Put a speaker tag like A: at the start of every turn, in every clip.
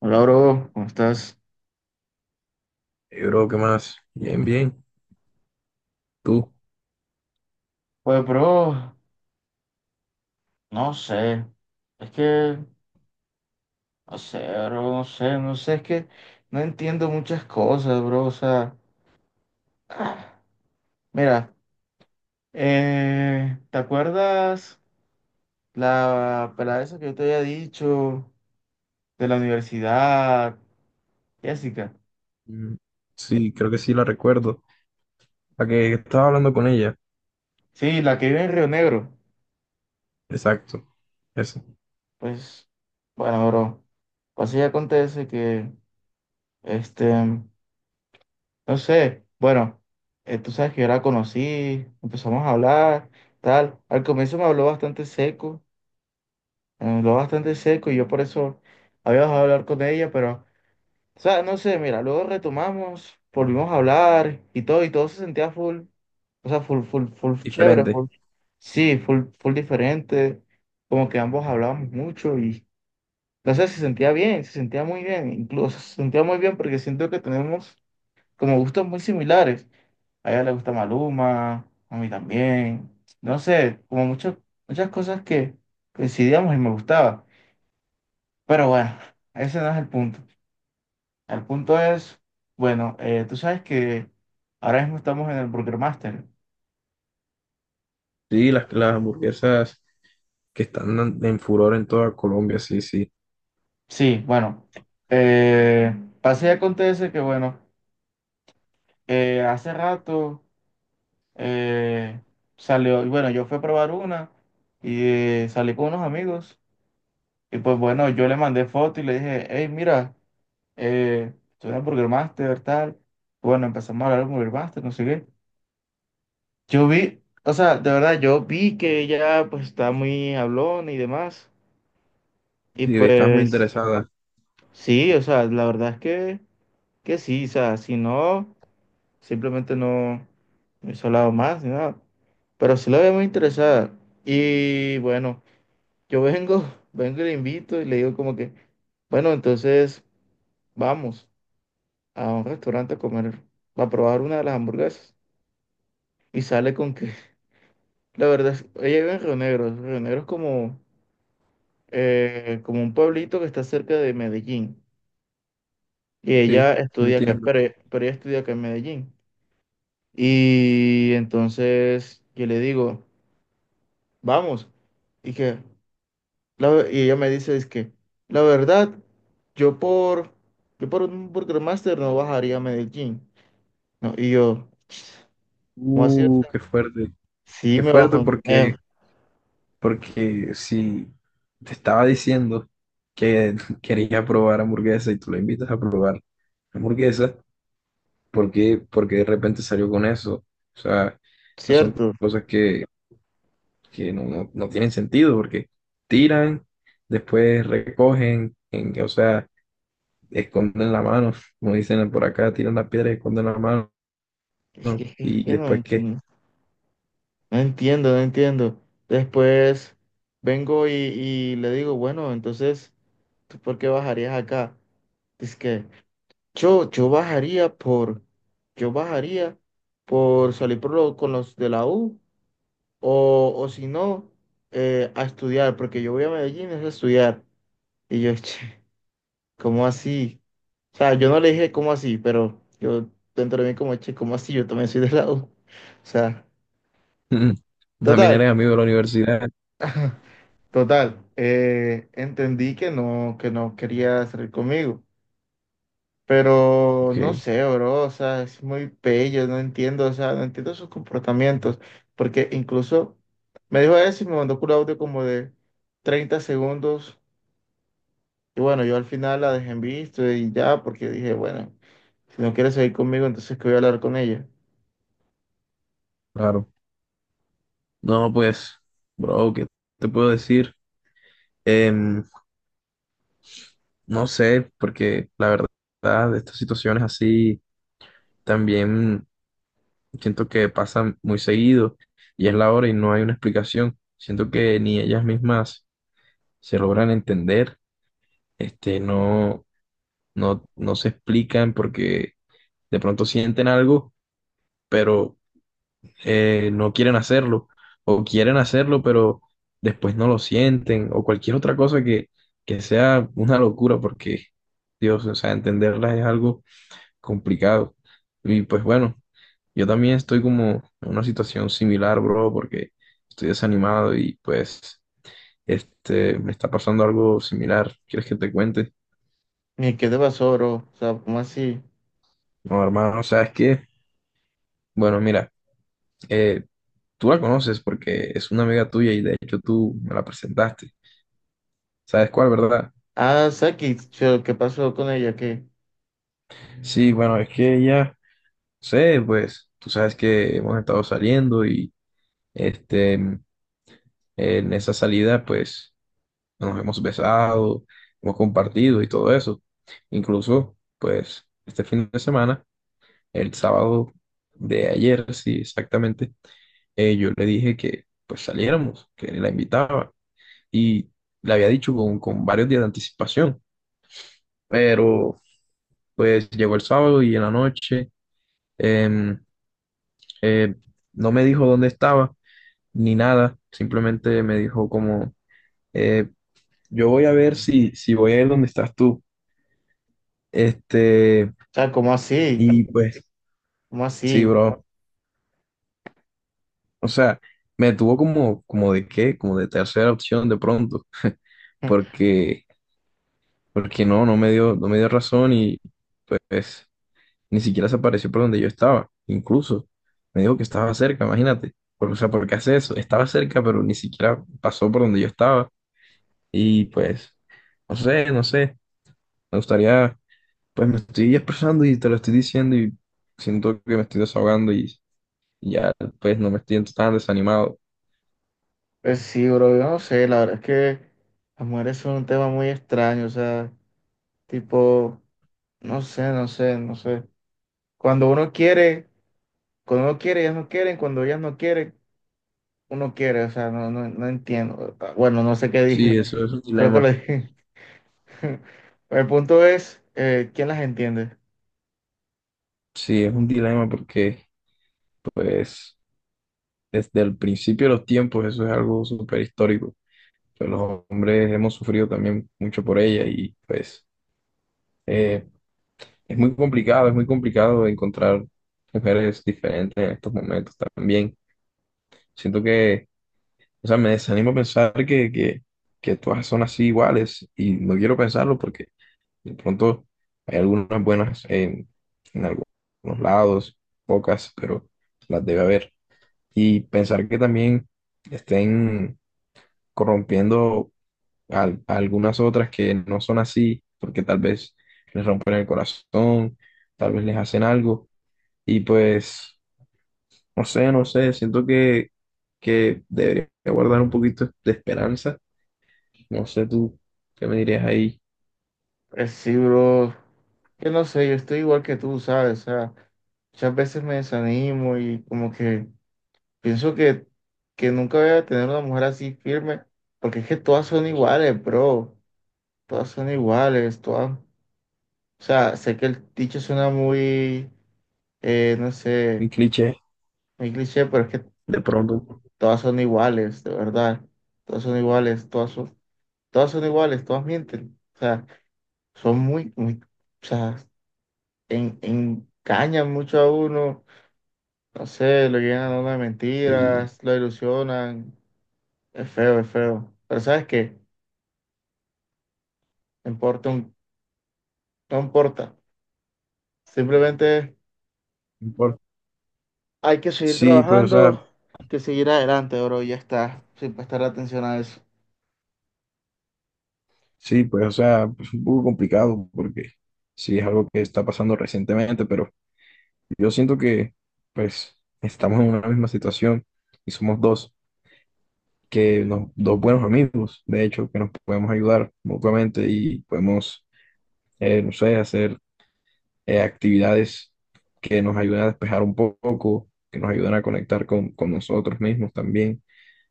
A: Hola, bro, ¿cómo estás?
B: Hey, bro, ¿qué más? Bien,
A: Pues, bro, no sé. Es que, no sé, bro, no sé, no sé, es que no entiendo muchas cosas, bro. O sea, ah, mira, ¿te acuerdas la pelada esa que yo te había dicho de la universidad, Jessica?
B: bien. Sí, creo que sí la recuerdo. La que estaba hablando con ella.
A: Sí, la que vive en Río Negro.
B: Exacto. Eso.
A: Pues, bueno, bro, pues así acontece que, este. No sé, bueno, tú sabes que yo la conocí, empezamos a hablar, tal. Al comienzo me habló bastante seco, me habló bastante seco y yo por eso había dejado de hablar con ella, pero, o sea, no sé, mira, luego retomamos, volvimos a hablar y todo se sentía full, o sea, full, full, full chévere,
B: Diferente.
A: full, sí, full, full diferente, como que ambos hablábamos mucho y, no sé, se sentía bien, se sentía muy bien, incluso se sentía muy bien porque siento que tenemos como gustos muy similares. A ella le gusta Maluma, a mí también. No sé, como muchas cosas que coincidíamos y me gustaba. Pero bueno, ese no es el punto. El punto es, bueno, tú sabes que ahora mismo estamos en el Burger Master.
B: Sí, las hamburguesas que están en furor en toda Colombia. Sí, sí.
A: Sí, bueno, eh, pasa y acontece que, bueno, hace rato eh, salió, y bueno, yo fui a probar una y salí con unos amigos. Y pues bueno, yo le mandé foto y le dije, hey, mira. Estudié Burger Master, tal. Bueno, empezamos a hablar de Burger Master, no sé qué. Yo vi, o sea, de verdad, yo vi que ella pues estaba muy hablona y demás. Y
B: Sí, estás muy
A: pues
B: interesada.
A: sí, o sea, la verdad es que sí, o sea, si no, simplemente no me hubiese hablado más ni nada. Pero sí la veía muy interesada. Y bueno, yo vengo, vengo y le invito y le digo como que, bueno, entonces vamos a un restaurante a comer, a probar una de las hamburguesas. Y sale con que, la verdad, ella vive en Río Negro. Río Negro es como, como un pueblito que está cerca de Medellín. Y
B: Sí,
A: ella estudia acá,
B: entiendo.
A: pero, pero ella estudia acá en Medellín. Y entonces yo le digo, vamos. Y, que, y ella me dice, es que, la verdad, yo por, yo por un Burger Master no bajaría a Medellín. No, y yo, ¿cómo así? O sea,
B: Qué fuerte.
A: sí,
B: Qué
A: me
B: fuerte
A: bajo.
B: porque, porque si te estaba diciendo que quería probar hamburguesa y tú la invitas a probar hamburguesa. Por qué de repente salió con eso? O sea, esas son
A: Cierto.
B: cosas que no tienen sentido porque tiran, después recogen, o sea, esconden la mano, como dicen por acá, tiran la piedra y esconden la mano.
A: Es que, es
B: Y
A: que no
B: después qué?
A: entiendo. No entiendo, no entiendo. Después vengo y, le digo, bueno, entonces, ¿tú por qué bajarías acá? Dice que yo bajaría yo bajaría por salir con los de la U o si no, a estudiar, porque yo voy a Medellín es a estudiar. Y yo, che, ¿cómo así? O sea, yo no le dije cómo así, pero yo dentro de mí como, che, ¿cómo así? Yo también soy de la U. O sea,
B: También
A: total.
B: eres amigo de la universidad.
A: Total, entendí que no quería salir conmigo, pero
B: Ok,
A: no sé, bro, o sea, es muy bello, no entiendo, o sea, no entiendo sus comportamientos, porque incluso me dijo eso y me mandó un audio como de 30 segundos, y bueno, yo al final la dejé en visto y ya, porque dije, bueno, si no quieres seguir conmigo, entonces que voy a hablar con ella.
B: claro. No, pues, bro, ¿qué te puedo decir? Em, no sé, porque la verdad, de estas situaciones así también siento que pasa muy seguido y es la hora y no hay una explicación. Siento que ni ellas mismas se logran entender, este, no se explican porque de pronto sienten algo, pero no quieren hacerlo, o quieren hacerlo, pero después no lo sienten, o cualquier otra cosa que sea una locura, porque Dios, o sea, entenderlas es algo complicado. Y pues bueno. Yo también estoy como en una situación similar, bro, porque estoy desanimado y pues este me está pasando algo similar. ¿Quieres que te cuente?
A: ¿Y qué te pasó, bro, o sea, ¿cómo así?
B: No, hermano, ¿sabes qué? Bueno, mira, eh, tú la conoces porque es una amiga tuya y de hecho tú me la presentaste. ¿Sabes cuál, verdad?
A: Ah, Saki, ¿qué pasó con ella? ¿Qué?
B: Sí, bueno, es que ella, no sé, pues tú sabes que hemos estado saliendo y este en esa salida, pues nos hemos besado, hemos compartido y todo eso. Incluso, pues, este fin de semana, el sábado de ayer, sí, exactamente, yo le dije que pues saliéramos, que la invitaba y le había dicho con varios días de anticipación, pero pues llegó el sábado y en la noche em, eh, no me dijo dónde estaba ni nada, simplemente me dijo como, eh, yo voy a ver si, si voy a ir donde estás tú. Este,
A: O sea, ¿cómo así?
B: y pues,
A: ¿Cómo
B: sí,
A: así?
B: bro. O sea, me tuvo como, como de qué, como de tercera opción de pronto,
A: Mm.
B: porque, porque no, no me dio, no me dio razón y pues ni siquiera se apareció por donde yo estaba. Incluso me dijo que estaba cerca, imagínate. O sea, ¿por qué hace eso? Estaba cerca, pero ni siquiera pasó por donde yo estaba. Y pues, no sé, no sé. Me gustaría, pues me estoy expresando y te lo estoy diciendo y siento que me estoy desahogando y ya, pues no me siento tan desanimado.
A: Pues sí, bro, yo no sé, la verdad es que las mujeres son un tema muy extraño, o sea, tipo, no sé, no sé, no sé. Cuando uno quiere, cuando uno quiere, ellas no quieren, cuando ellas no quieren, uno quiere, o sea, no, no, no entiendo. Ah, bueno, no sé qué
B: Sí,
A: dije,
B: eso es un
A: creo que lo
B: dilema.
A: dije. El punto es, ¿quién las entiende?
B: Sí, es un dilema porque, pues, desde el principio de los tiempos eso es algo súper histórico. Pues los hombres hemos sufrido también mucho por ella y, pues, eh, es muy complicado encontrar mujeres diferentes en estos momentos también. Siento que, o sea, me desanimo pensar que todas son así iguales y no quiero pensarlo porque de pronto hay algunas buenas en algunos lados, pocas, pero las debe haber. Y pensar que también estén corrompiendo a algunas otras que no son así, porque tal vez les rompen el corazón, tal vez les hacen algo. Y pues, no sé, no sé, siento que debería guardar un poquito de esperanza. No sé tú, ¿qué me dirías ahí?
A: Pues sí, bro, yo no sé, yo estoy igual que tú, ¿sabes? O sea, muchas veces me desanimo y como que... Pienso que nunca voy a tener una mujer así firme, porque es que todas son iguales, bro. Todas son iguales, todas. O sea, sé que el dicho suena muy, no sé,
B: Un cliché
A: muy cliché, pero es que
B: de pronto.
A: todas son iguales, de verdad. Todas son iguales, todas son iguales, todas mienten. O sea, son muy, muy, o sea, engañan mucho a uno. No sé, lo llenan a uno de
B: Y,
A: mentiras, lo ilusionan. Es feo, es feo. Pero ¿sabes qué? No importa, no importa. Simplemente hay que seguir
B: sí, pues, o sea,
A: trabajando, que seguir adelante, bro, y ya está, sin prestar atención a eso.
B: sí, pues, o sea, es un poco complicado porque sí es algo que está pasando recientemente, pero yo siento que, pues, estamos en una misma situación y somos dos, que dos buenos amigos, de hecho, que nos podemos ayudar mutuamente y podemos, no sé, hacer actividades que nos ayudan a despejar un poco, que nos ayudan a conectar con nosotros mismos también.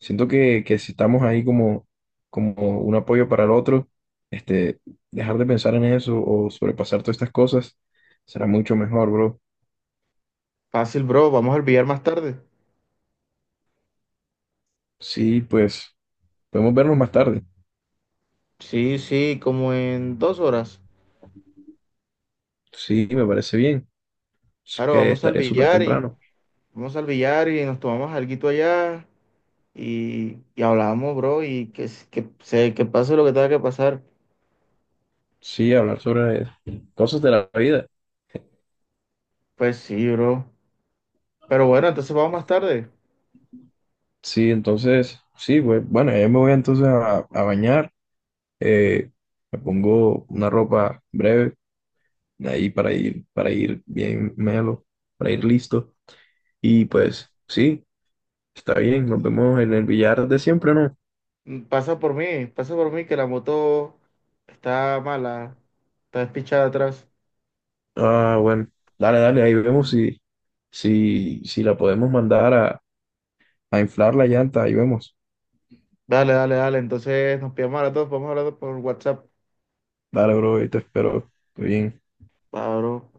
B: Siento que si estamos ahí como, como un apoyo para el otro, este, dejar de pensar en eso o sobrepasar todas estas cosas será mucho mejor, bro.
A: Fácil, bro, vamos al billar más tarde.
B: Sí, pues podemos vernos más tarde.
A: Sí, sí, como en 2 horas.
B: Sí, me parece bien. Es
A: Claro,
B: que estaré súper temprano.
A: vamos al billar y nos tomamos alguito allá y hablamos, bro, que pase lo que tenga que pasar.
B: Sí, hablar sobre cosas de la vida.
A: Pues sí, bro. Pero bueno, entonces vamos más tarde.
B: Sí, entonces, sí, pues, bueno, ya me voy entonces a bañar. eh, Me pongo una ropa breve ahí para ir bien melo, para ir listo. Y pues sí, está bien, nos vemos en el billar de siempre, ¿no?
A: Mm, pasa por mí, pasa por mí que la moto está mala, está despichada atrás.
B: Ah, bueno, dale, dale, ahí vemos si, si, si la podemos mandar a inflar la llanta, ahí vemos.
A: Dale, dale, dale. Entonces nos pillamos a las 2, vamos a hablar por WhatsApp.
B: Dale, bro, ahí te espero. Estoy bien.
A: Claro.